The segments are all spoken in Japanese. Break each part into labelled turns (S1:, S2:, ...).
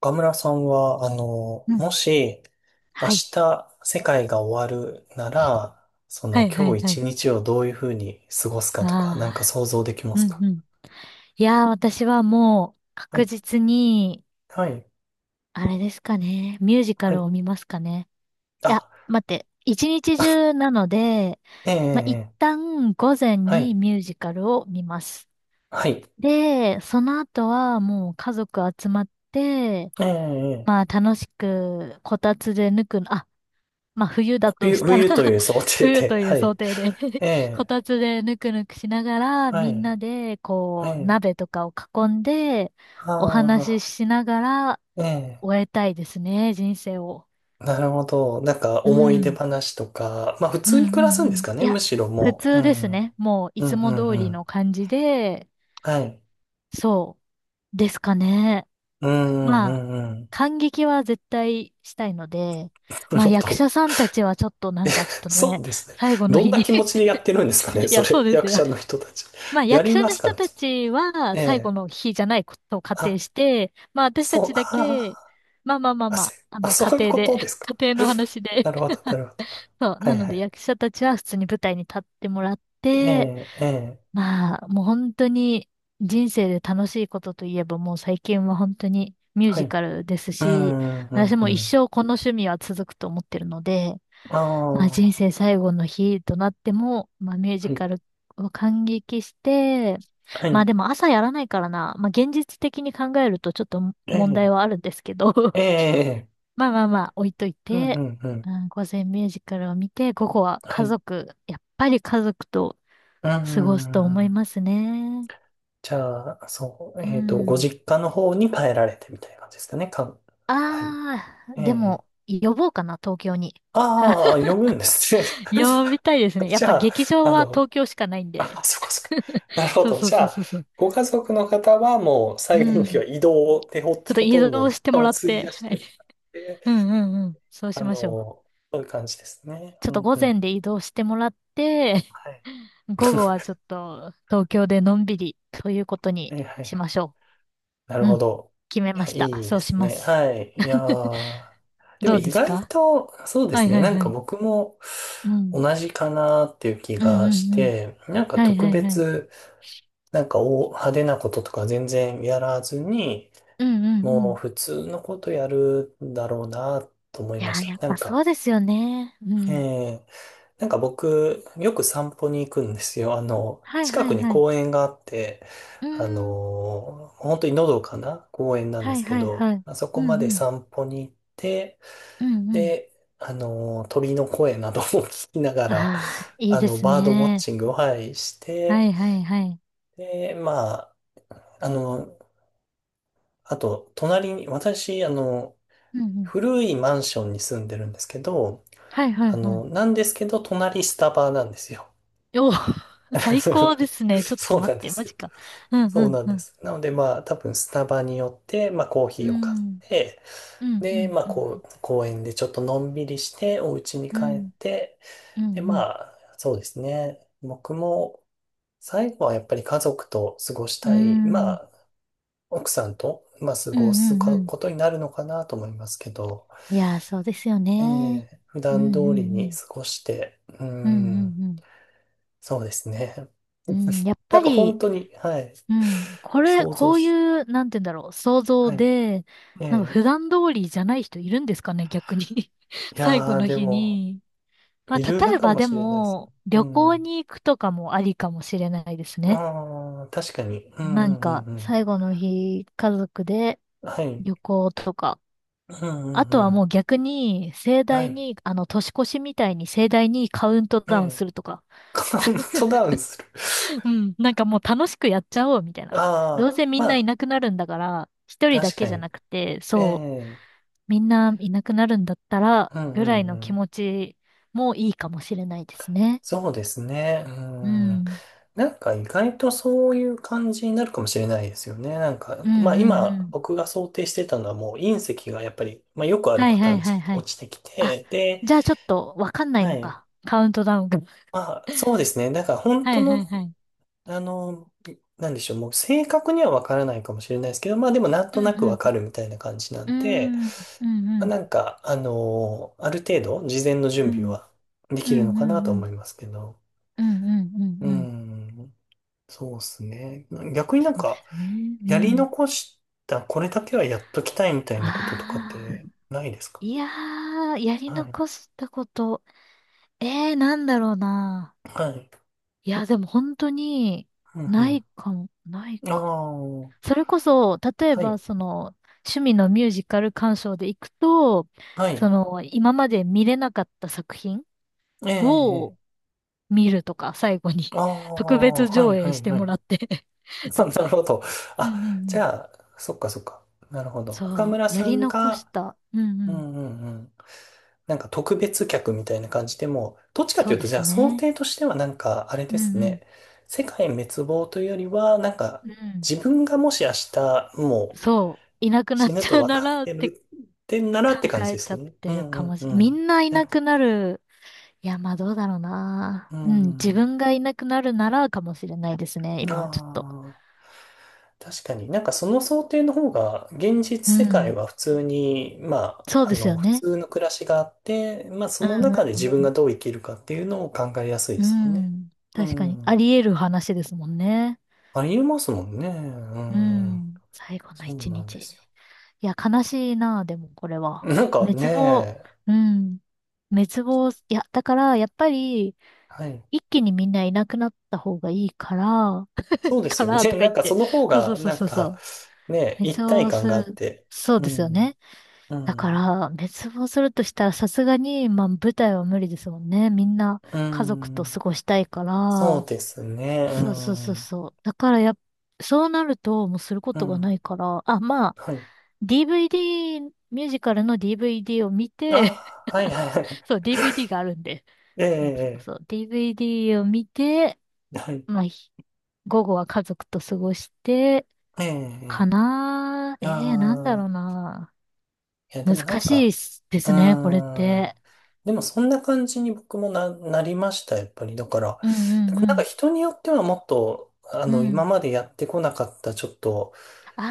S1: 岡村さんは、
S2: うん。
S1: もし、明
S2: はい。
S1: 日世界が終わるなら、そ
S2: は
S1: の
S2: いは
S1: 今
S2: い
S1: 日
S2: は
S1: 一
S2: い。
S1: 日をどういうふうに過ごすかとか、なん
S2: あ
S1: か
S2: あ、
S1: 想像できま
S2: う
S1: す
S2: ん
S1: か？
S2: うん。いやー、私はもう
S1: は
S2: 確
S1: い、
S2: 実に、
S1: はい、
S2: あれですかね。ミュージカ
S1: は
S2: ル
S1: い。
S2: を見ますかね。いや、
S1: あ、
S2: 待って。一日中なので、
S1: ええ、ええ
S2: まあ、一
S1: ええ。
S2: 旦午前
S1: は
S2: に
S1: い、
S2: ミュージカルを見ます。
S1: はい、
S2: で、その後はもう家族集まって、
S1: ええ、え
S2: まあ
S1: え。
S2: 楽しくこたつでぬく、あ、まあ冬だと
S1: 冬、
S2: したら
S1: 冬と いう想定
S2: 冬
S1: で、
S2: と い
S1: は
S2: う
S1: い、
S2: 想定で
S1: え
S2: こ
S1: え、
S2: たつでぬくぬくしながら、
S1: は
S2: みん
S1: い、
S2: なで
S1: え
S2: こう
S1: え、
S2: 鍋とかを囲んで、
S1: あ
S2: お話し
S1: あ、
S2: しながら
S1: ええ、
S2: 終えたいですね、人生を。
S1: なるほど。なんか
S2: う
S1: 思い出
S2: ん。
S1: 話とか、まあ普
S2: うんう
S1: 通に暮らす
S2: んう
S1: んです
S2: ん。
S1: か
S2: い
S1: ね、
S2: や、
S1: むしろ
S2: 普
S1: もう。う
S2: 通です
S1: ん、
S2: ね。もうい
S1: う
S2: つ
S1: ん、うん、
S2: も通
S1: う
S2: り
S1: ん。
S2: の感じで、
S1: はい。
S2: そうですかね。
S1: うんう
S2: まあ、
S1: んうん。
S2: 感激は絶対したいので、
S1: なる
S2: まあ
S1: ほ
S2: 役
S1: ど。
S2: 者さんたちはちょっとなんかちょっと
S1: そう
S2: ね、
S1: ですね。
S2: 最後の
S1: どん
S2: 日
S1: な
S2: に
S1: 気持ちでやってるんですかね、
S2: い
S1: そ
S2: や、そう
S1: れ、
S2: です
S1: 役
S2: よ。
S1: 者の人たち。
S2: まあ
S1: や
S2: 役
S1: り
S2: 者
S1: ま
S2: の
S1: すか
S2: 人
S1: ね。
S2: たちは
S1: え
S2: 最後
S1: え。
S2: の日じゃないことを仮定
S1: あ、
S2: して、まあ私た
S1: そう、
S2: ちだけ、まあまあまあまあ、あの仮
S1: そういう
S2: 定
S1: こ
S2: で、
S1: とです か？
S2: 仮定 の話
S1: な
S2: で、
S1: るほど、なるほど。
S2: そう、
S1: は
S2: な
S1: い
S2: の
S1: は
S2: で
S1: い。
S2: 役者たちは普通に舞台に立ってもらっ
S1: え
S2: て、
S1: え、ええ、
S2: まあもう本当に人生で楽しいことといえばもう最近は本当にミュー
S1: は
S2: ジ
S1: い。
S2: カルです
S1: う
S2: し、
S1: んう
S2: 私
S1: んう
S2: も一
S1: ん。
S2: 生この趣味は続くと思ってるので、
S1: あ
S2: まあ、人
S1: あ、
S2: 生最後の日となっても、まあ、ミュージ
S1: はい、
S2: カルを感激して、
S1: は
S2: まあ
S1: い。
S2: でも朝やらないからな、まあ現実的に考えるとちょっと
S1: え
S2: 問
S1: え、
S2: 題はあるんですけど、
S1: え え、
S2: まあまあまあ置いとい
S1: うんう
S2: て、
S1: んうん。
S2: うん、午前ミュージカルを見て、午後は
S1: は
S2: 家
S1: い。
S2: 族、やっぱり家族と
S1: う
S2: 過ごすと思いま
S1: ん。
S2: すね。
S1: じゃあ、そう、
S2: う
S1: ご
S2: ん。
S1: 実家の方に帰られてみたいな感じですかね。はい。
S2: ああ、
S1: え
S2: で
S1: え。
S2: も呼ぼうかな、東京に。
S1: ああ、呼ぶんですね。
S2: 呼びたいですね。やっ
S1: じ
S2: ぱ
S1: ゃあ、
S2: 劇場
S1: あ
S2: は
S1: の、
S2: 東京しかないんで。
S1: あ、そこそこ。なるほ
S2: そう
S1: ど。
S2: そう
S1: じゃ
S2: そう
S1: あ、
S2: そうそう。
S1: ご家族の方はもう
S2: う
S1: 最後の日は
S2: ん。
S1: 移動でほ、
S2: ちょっと
S1: ほ
S2: 移
S1: とんど
S2: 動し
S1: 時
S2: て
S1: 間
S2: も
S1: を
S2: らっ
S1: 費
S2: て、
S1: やし
S2: は
S1: て
S2: い。
S1: もらって、
S2: うんうんうん。そう
S1: あ
S2: しましょう。
S1: の、そういう感じですね。
S2: ちょっ
S1: う
S2: と
S1: ん
S2: 午
S1: う
S2: 前
S1: ん。
S2: で移動してもらって、
S1: はい。
S2: 午後はちょっと東京でのんびりということに
S1: はいはいは
S2: し
S1: い。
S2: ましょ
S1: なる
S2: う。う
S1: ほ
S2: ん。
S1: ど。
S2: 決め
S1: いや、
S2: ました。
S1: いい
S2: そ
S1: で
S2: うし
S1: す
S2: ま
S1: ね。
S2: す。
S1: はい。いや ー、でも
S2: どう
S1: 意
S2: です
S1: 外
S2: か？
S1: と、そうで
S2: は
S1: す
S2: い
S1: ね。
S2: はい
S1: なん
S2: は
S1: か
S2: い。
S1: 僕も
S2: うん。
S1: 同じかなっていう気
S2: うん
S1: が
S2: う
S1: し
S2: んうん。
S1: て、なんか
S2: はい
S1: 特
S2: はいはい。
S1: 別、なんか大派手なこととか全然やらずに、
S2: うんうんう
S1: もう
S2: ん。
S1: 普通のことやるんだろうなと思い
S2: い
S1: ま
S2: や
S1: し
S2: ー、
S1: た。
S2: やっ
S1: な
S2: ぱ
S1: ん
S2: そ
S1: か、
S2: うですよね。うん。
S1: えーなんか僕、よく散歩に行くんですよ。
S2: はい
S1: 近
S2: は
S1: く
S2: い
S1: に
S2: はい。
S1: 公園があって、
S2: うーん。
S1: 本当にのどかな公園なんで
S2: はい
S1: すけ
S2: はい
S1: ど、
S2: はい。
S1: まあそ
S2: う
S1: こま
S2: ん
S1: で
S2: うん。
S1: 散歩に行って、
S2: うんうん。
S1: で、鳥の声などを 聞きながら、
S2: ああ、いいです
S1: バードウォッ
S2: ね。
S1: チングを、はい、し
S2: は
S1: て、
S2: いはいはい。
S1: で、まあ、あの、あと、隣に、私、
S2: うんうん。
S1: 古いマンションに住んでるんですけど、
S2: はいはいはい。
S1: なんですけど、隣スタバなんですよ。
S2: おー 最 高ですね。ちょっと
S1: そう
S2: 待
S1: な
S2: っ
S1: んで
S2: て、マ
S1: すよ。
S2: ジか。うんう
S1: そう
S2: ん
S1: なん
S2: う
S1: で
S2: ん。
S1: す。なのでまあ多分スタバによって、まあコー
S2: う
S1: ヒーを買っ
S2: ん。
S1: て、
S2: うんう
S1: で、
S2: ん
S1: まあ
S2: うん。
S1: こう、公園でちょっとのんびりして、お家に
S2: う
S1: 帰っ
S2: ん。
S1: て、
S2: うん
S1: で、
S2: う
S1: ま
S2: ん。
S1: あそうですね。僕も最後はやっぱり家族と過ごし
S2: う
S1: たい、ま
S2: ん。うん
S1: あ奥さんと、まあ過
S2: う
S1: ごす
S2: んう
S1: こ
S2: ん。
S1: とになるのかなと思いますけど、
S2: いやー、そうですよ
S1: え
S2: ね。
S1: え普
S2: うんう
S1: 段
S2: ん
S1: 通り
S2: う
S1: に
S2: ん。
S1: 過ごして、うー
S2: うん
S1: ん、
S2: うん
S1: そうですね。
S2: うん。うん、やっ
S1: な
S2: ぱ
S1: んか本
S2: り、
S1: 当に、はい。
S2: うん。これ、
S1: 想像
S2: こうい
S1: し
S2: う、なんて言うんだろう、想像
S1: はい。
S2: で、
S1: え
S2: なんか
S1: え。
S2: 普段通りじゃない人いるんですかね、逆に。
S1: い
S2: 最後
S1: やー、
S2: の
S1: で
S2: 日
S1: も、
S2: に。まあ、
S1: い
S2: 例
S1: る
S2: え
S1: か
S2: ば
S1: も
S2: で
S1: しれないです。
S2: も、
S1: う
S2: 旅行
S1: ん。
S2: に行くとかもありかもしれないですね。
S1: ああ、確かに。う
S2: なん
S1: んうん
S2: か、
S1: うん
S2: 最後の日、家族で
S1: うん。はい。
S2: 旅行とか。
S1: うんう
S2: あ
S1: んう
S2: とはも
S1: ん。
S2: う逆に、盛
S1: は
S2: 大
S1: い。
S2: に、あの、年越しみたいに盛大にカウント
S1: え
S2: ダウン
S1: え。
S2: するとか。
S1: カウントダウンする。
S2: うん。なんかもう楽しくやっちゃおう、みたい な。ど
S1: あ
S2: う
S1: あ、
S2: せみん
S1: ま
S2: ない
S1: あ、
S2: なくなるんだから、一人だ
S1: 確
S2: け
S1: か
S2: じゃな
S1: に。
S2: くて、
S1: え
S2: そう、
S1: え。
S2: みんないなくなるんだったら、
S1: うん
S2: ぐ
S1: う
S2: らい
S1: んう
S2: の気
S1: ん。
S2: 持ちもいいかもしれないですね。
S1: そうですね。う
S2: う
S1: ん。
S2: ん。
S1: なんか意外とそういう感じになるかもしれないですよね。なんか、
S2: うんう
S1: まあ
S2: んう
S1: 今
S2: ん。
S1: 僕が想定してたのはもう隕石がやっぱり、まあよくある
S2: はい
S1: パタ
S2: は
S1: ー
S2: い
S1: ンで
S2: はい
S1: すけ
S2: は
S1: ど、
S2: い
S1: 落ちてき
S2: あ、
S1: て、で、
S2: じゃあちょっとわかんない
S1: は
S2: の
S1: い。
S2: か。カウントダウンが。
S1: まあ、そうですね。だから本
S2: は
S1: 当
S2: いは
S1: の、
S2: いはい。
S1: あの、なんでしょう、もう正確にはわからないかもしれないですけど、まあでもなん
S2: う
S1: となくわ
S2: ん
S1: かるみたいな感じな
S2: う
S1: んで、
S2: ん。うーん。うんう
S1: まあ、
S2: ん。
S1: なんか、ある程度事前の
S2: う
S1: 準備
S2: ん
S1: はで
S2: う
S1: きる
S2: ん
S1: の
S2: う
S1: かな
S2: ん
S1: と
S2: う
S1: 思
S2: ん。
S1: いますけど。
S2: うんうんう
S1: う
S2: んうん。
S1: ん、そうですね。逆になん
S2: そうで
S1: か、
S2: すね。う
S1: やり
S2: ん。
S1: 残した、これだけはやっときたいみたい
S2: あ
S1: なこととかって
S2: あ。
S1: ないですか？
S2: いやー、やり
S1: はい。
S2: 残したこと。ええー、なんだろうな。
S1: はい。
S2: いや、でも本当に、
S1: うんう
S2: な
S1: ん。
S2: いかも、ない
S1: あ
S2: か。
S1: あ、
S2: それこそ、例え
S1: は
S2: ば、
S1: い。
S2: その、趣味のミュージカル鑑賞で行くと、
S1: は
S2: そ
S1: い。
S2: の、今まで見れなかった作品
S1: ええ
S2: を
S1: え。
S2: 見るとか、最後に
S1: あ
S2: 特
S1: あ、
S2: 別
S1: は
S2: 上
S1: いは
S2: 映し
S1: い
S2: て
S1: は
S2: もら
S1: い。
S2: って ちょっ
S1: なる
S2: と。
S1: ほど。
S2: うん
S1: あ、
S2: うんう
S1: じ
S2: ん。
S1: ゃあ、そっかそっか。なるほど。岡
S2: そ
S1: 村
S2: う、や
S1: さ
S2: り
S1: ん
S2: 残し
S1: が、
S2: た。うんう
S1: う
S2: ん。
S1: んうんうん。なんか特別客みたいな感じでもう、どっちかと
S2: そ
S1: い
S2: う
S1: う
S2: で
S1: と、じゃ
S2: す
S1: あ想
S2: ね。
S1: 定としてはなんか、あれ
S2: う
S1: です
S2: ん
S1: ね。世界滅亡というよりは、なんか、
S2: うん。うん。
S1: 自分がもし明日、も
S2: そう、いな
S1: う
S2: くなっ
S1: 死ぬ
S2: ち
S1: と
S2: ゃう
S1: 分
S2: な
S1: かっ
S2: らっ
S1: て
S2: て
S1: るってんならって
S2: 考
S1: 感じで
S2: えち
S1: す
S2: ゃ
S1: よ
S2: っ
S1: ね。う
S2: てる
S1: んう
S2: か
S1: ん
S2: もし
S1: う
S2: れ、み
S1: ん。
S2: んない
S1: な
S2: な
S1: るほ
S2: くなる。いや、まあどうだろうな。
S1: ど。う
S2: うん、自
S1: ん。
S2: 分がいなくなるならかもしれないですね。
S1: あ
S2: 今はちょっと。
S1: あ。確かになんかその想定の方が現実
S2: う
S1: 世界
S2: ん。
S1: は普通に、ま
S2: そう
S1: あ、あ
S2: です
S1: の
S2: よ
S1: 普
S2: ね。
S1: 通の暮らしがあって、まあそ
S2: う
S1: の
S2: ん
S1: 中で自
S2: う
S1: 分
S2: ん
S1: がどう生きるかっていうのを考えやすい
S2: う
S1: ですもん
S2: ん。う
S1: ね。
S2: ん。
S1: う
S2: 確かに。あ
S1: ん。
S2: り得る話ですもんね。
S1: ありえますもんね。う
S2: う
S1: ん。
S2: ん。最後の
S1: そう
S2: 一
S1: なん
S2: 日。
S1: ですよ。
S2: いや、悲しいな、でもこれは。
S1: なんか
S2: 滅亡、
S1: ね、
S2: うん。滅亡、いや、だから、やっぱり、
S1: はい。
S2: 一気にみんないなくなった方がいいから、
S1: そうです
S2: か
S1: よね。
S2: らと か
S1: な
S2: 言
S1: ん
S2: っ
S1: かそ
S2: て。
S1: の方
S2: そうそう
S1: が、
S2: そう
S1: なん
S2: そうそ
S1: か
S2: う。
S1: ね、
S2: 滅
S1: 一体
S2: 亡
S1: 感
S2: す
S1: があっ
S2: る。
S1: て。
S2: そう
S1: う
S2: ですよ
S1: ん。
S2: ね。
S1: う
S2: だか
S1: ん。
S2: ら、滅亡するとしたら、さすがに、まあ、舞台は無理ですもんね。みんな、
S1: う
S2: 家族と
S1: ん。
S2: 過ごしたいか
S1: そう
S2: ら、
S1: ですね。う
S2: そうそうそう
S1: ん。
S2: そう。だからやっ、そうなるともうするこ
S1: う
S2: とがな
S1: ん。
S2: いから、あ、まあ、
S1: はい。
S2: DVD、ミュージカルの DVD を見
S1: あ
S2: て、
S1: あ、はい はいはい。
S2: そう、DVD があるんで。
S1: え
S2: そうそう
S1: え、
S2: そう。DVD を見て、
S1: はい。
S2: まあ、ひ午後は家族と過ごして、か
S1: え
S2: なー。ええー、なんだ
S1: え、
S2: ろ
S1: あ
S2: う
S1: あ。
S2: な。
S1: いや、でもな
S2: 難
S1: ん
S2: しいっ
S1: か、
S2: すで
S1: う
S2: すね、これっ
S1: ーん。
S2: て。
S1: でもそんな感じに僕もなりました、やっぱり。だから、
S2: うん
S1: な
S2: う
S1: んか
S2: ん
S1: 人によってはもっと、
S2: うん。う
S1: 今
S2: ん。
S1: までやってこなかった、ちょっと、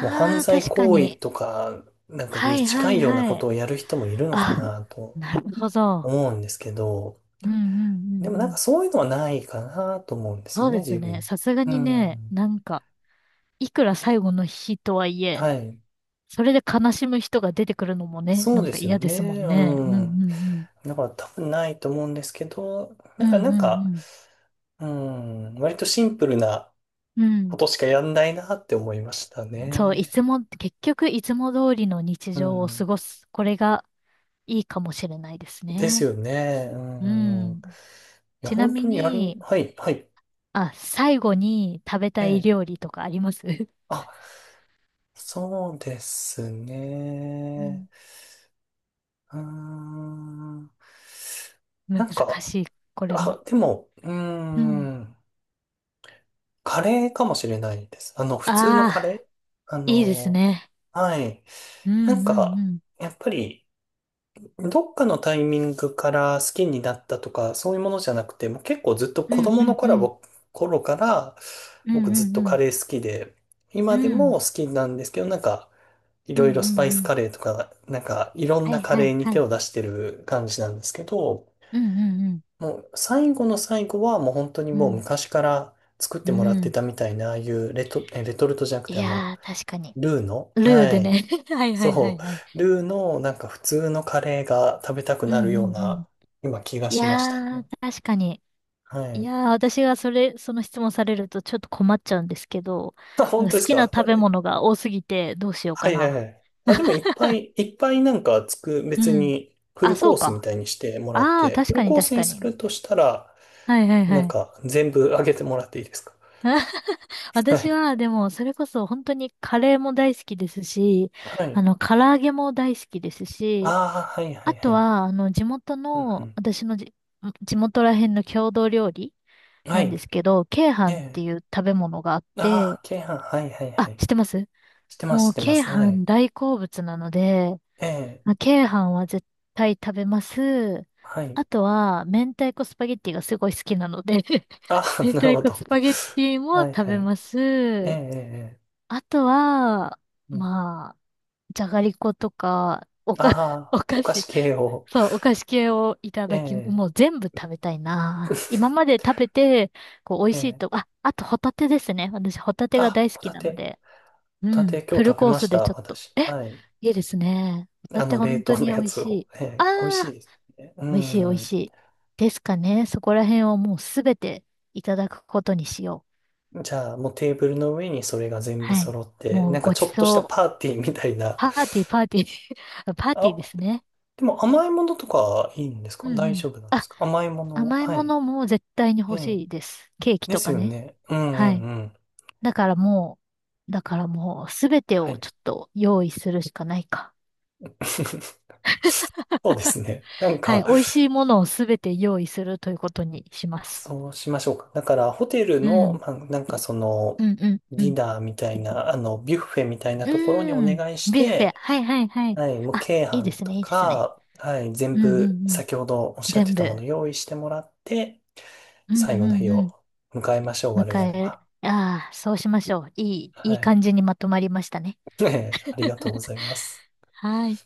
S1: もう犯
S2: あ、
S1: 罪
S2: 確か
S1: 行為
S2: に。
S1: とか、なんか
S2: は
S1: に
S2: いは
S1: 近
S2: い
S1: いようなこ
S2: は
S1: と
S2: い。
S1: をやる人もいるのか
S2: あ、
S1: なと
S2: なるほど。
S1: 思うんですけど、
S2: うんうんう
S1: でもな
S2: ん
S1: ん
S2: う
S1: か
S2: ん。
S1: そういうのはないかなと思うんです
S2: そ
S1: よ
S2: う
S1: ね、
S2: です
S1: 自
S2: ね。
S1: 分。
S2: さすが
S1: う
S2: にね、
S1: ん。
S2: なんか、いくら最後の日とはいえ、
S1: はい。
S2: それで悲しむ人が出てくるのもね、
S1: そ
S2: な
S1: う
S2: ん
S1: で
S2: か
S1: すよ
S2: 嫌ですも
S1: ね。
S2: んね。うんう
S1: うん。
S2: んうん。
S1: だから多分ないと思うんですけど、
S2: う
S1: なんか、な
S2: ん
S1: ん
S2: う
S1: か、
S2: ん
S1: うん、割とシンプルな
S2: うん。う
S1: こ
S2: ん。
S1: としかやんないなって思いました
S2: そう、い
S1: ね。
S2: つも、結局いつも通りの日
S1: う
S2: 常を過
S1: ん。
S2: ごす。これがいいかもしれないです
S1: です
S2: ね。
S1: よね。う
S2: う
S1: ん。い
S2: ん。
S1: や、
S2: ちな
S1: 本
S2: み
S1: 当に
S2: に、
S1: はい、はい。
S2: あ、最後に食べ
S1: え
S2: たい
S1: え。
S2: 料理とかあります？
S1: あ、そうです
S2: う
S1: ね。
S2: ん
S1: うーん。な
S2: 難
S1: んか、
S2: しい、これも。
S1: あ、でも、うー
S2: うん。
S1: ん、カレーかもしれないです。普通の
S2: あ
S1: カレ
S2: あ、
S1: ー。あ
S2: いいです
S1: の、
S2: ね。
S1: はい。
S2: うん
S1: なん
S2: うんう
S1: か、
S2: ん。
S1: やっぱり、どっかのタイミングから好きになったとか、そういうものじゃなくて、もう結構ずっと
S2: う
S1: 子
S2: ん
S1: 供
S2: う
S1: の
S2: んう
S1: 頃
S2: ん。
S1: は、頃から、
S2: うん
S1: 僕
S2: う
S1: ずっ
S2: ん
S1: と
S2: う
S1: カ
S2: ん。
S1: レー好きで、
S2: う
S1: 今で
S2: ん
S1: も好きなんですけど、なんか、い
S2: うんう
S1: ろいろスパ
S2: ん
S1: イ
S2: う
S1: ス
S2: ん。
S1: カレーとか、なんか、いろん
S2: は
S1: な
S2: い
S1: カ
S2: は
S1: レー
S2: い
S1: に
S2: は
S1: 手
S2: い。
S1: を出してる感じなんですけど、
S2: うんうん
S1: もう最後の最後はもう本当に
S2: う
S1: もう
S2: ん。
S1: 昔から作って
S2: う
S1: もらっ
S2: ん。う
S1: て
S2: ん。
S1: たみたいな、ああいうレトルトじゃなくて
S2: いやー、確かに。
S1: ルーの、
S2: ルー
S1: は
S2: で
S1: い。
S2: ね。はいはいはい
S1: そ
S2: はい。
S1: う、ルーのなんか普通のカレーが食べたく
S2: う
S1: な
S2: んう
S1: る
S2: ん
S1: よう
S2: う
S1: な
S2: ん。
S1: 今気が
S2: い
S1: しました
S2: やー、
S1: ね。
S2: 確かに。
S1: は
S2: い
S1: い。
S2: やー、私がそれ、その質問されるとちょっと困っちゃうんですけど、
S1: あ、
S2: な
S1: 本
S2: んか
S1: 当で
S2: 好
S1: す
S2: きな
S1: か？
S2: 食べ
S1: は
S2: 物が多すぎてどうしよう
S1: いは
S2: か
S1: いは
S2: な。
S1: い。あ、でもい っぱいいっぱいなんか
S2: う
S1: 別
S2: ん。
S1: に フ
S2: あ、
S1: ル
S2: そ
S1: コー
S2: う
S1: スみ
S2: か。
S1: たいにしてもらっ
S2: ああ、
S1: て、
S2: 確
S1: フ
S2: か
S1: ル
S2: に
S1: コー
S2: 確
S1: スに
S2: か
S1: す
S2: に。
S1: るとしたら、
S2: はいはいは
S1: なん
S2: い。
S1: か全部あげてもらっていいですか？ は
S2: 私
S1: い。
S2: は、でも、それこそ本当にカレーも大好きですし、
S1: は
S2: あ
S1: い。
S2: の、唐揚げも大好きですし、
S1: ああ、はいは
S2: あ
S1: いは
S2: と
S1: い。
S2: は、あの、地元
S1: うんう
S2: の、
S1: ん。
S2: 私のじ、地元ら辺の郷土料理
S1: は
S2: なん
S1: い。
S2: ですけど、鶏
S1: え
S2: 飯って
S1: え。
S2: いう食べ物があって、
S1: ああ、鶏飯。はいはいは
S2: あ、
S1: い。
S2: 知ってます？
S1: してます、
S2: も
S1: し
S2: う、
S1: てま
S2: 鶏
S1: す。はい。
S2: 飯大好物なので、
S1: ええ。
S2: まあ鶏飯は絶対食べます。
S1: はい。
S2: あとは、明太子スパゲッティがすごい好きなので
S1: ああ、
S2: 明
S1: なる
S2: 太
S1: ほ
S2: 子
S1: ど。
S2: スパゲッティ も
S1: はい
S2: 食
S1: は
S2: べ
S1: い。
S2: ま
S1: ええ、
S2: す。
S1: ええ、
S2: あとは、
S1: うん。
S2: まあ、じゃがりことか、おか、
S1: あ
S2: お
S1: あ、お
S2: 菓
S1: 菓子
S2: 子、
S1: 系を。
S2: そう、お菓子系をいた
S1: え
S2: だき、
S1: え、
S2: もう全部食べたいな。今まで 食べて、こう、美味
S1: え
S2: しい
S1: え。
S2: と、あ、あとホタテですね。私、ホタ テが
S1: あ、
S2: 大好
S1: ホ
S2: き
S1: タ
S2: なの
S1: テ。
S2: で、う
S1: ホタ
S2: ん、
S1: テ今
S2: フ
S1: 日
S2: ル
S1: 食べ
S2: コー
S1: ま
S2: ス
S1: した、
S2: でちょっと、
S1: 私。
S2: え、
S1: はい。
S2: いいですね。ホタテ
S1: 冷
S2: 本当
S1: 凍
S2: に
S1: の
S2: 美
S1: や
S2: 味
S1: つ
S2: し
S1: を。
S2: い。
S1: え
S2: あ
S1: え、美味しい
S2: あ、
S1: ですよね。う
S2: 美味しい美味しい。ですかね。そこら辺をもうすべていただくことにしよう。
S1: ん。じゃあ、もうテーブルの上にそれが全部
S2: はい。
S1: 揃って、
S2: もう
S1: なんか
S2: ご
S1: ち
S2: ち
S1: ょっとした
S2: そう。
S1: パーティーみたいな。
S2: パーティー、パーティー。パーティーで
S1: あ、
S2: すね。
S1: でも甘いものとかいいんです
S2: う
S1: か？
S2: んう
S1: 大
S2: ん。
S1: 丈夫なんで
S2: あ、
S1: すか？甘いもの。
S2: 甘い
S1: は
S2: も
S1: い。
S2: のも絶対に
S1: え
S2: 欲し
S1: え。
S2: いです。ケーキ
S1: で
S2: と
S1: す
S2: か
S1: よ
S2: ね。
S1: ね。うんう
S2: は
S1: ん
S2: い。
S1: うん。
S2: だからもだからもうすべて
S1: は
S2: を
S1: い。
S2: ちょっと用意するしかないか。
S1: そうですね。なん
S2: は
S1: か、
S2: い。美味しいものをすべて用意するということにします。
S1: そうしましょうか。だから、ホテル
S2: う
S1: の、
S2: ん。
S1: まあ、なんかその、
S2: うんうんう
S1: ディ
S2: ん。
S1: ナーみたいな、ビュッフェみたいな
S2: う
S1: ところに
S2: ー
S1: お
S2: ん。
S1: 願いし
S2: ビュッフェ。
S1: て、
S2: はいはいはい。
S1: はい、もう、
S2: あ、
S1: 鶏
S2: いいで
S1: 飯
S2: す
S1: と
S2: ね、いいですね。
S1: か、はい、全
S2: うんうんう
S1: 部、
S2: ん。
S1: 先ほどおっしゃって
S2: 全
S1: たもの
S2: 部。
S1: 用意してもらって、
S2: うんう
S1: 最後の
S2: ん
S1: 日
S2: うん。
S1: を迎えましょう、
S2: 迎
S1: 我々
S2: え、
S1: は。
S2: ああ、そうしましょう。いい、い
S1: は
S2: い
S1: い。
S2: 感じにまとまりましたね。
S1: ありがとうございます。
S2: はい。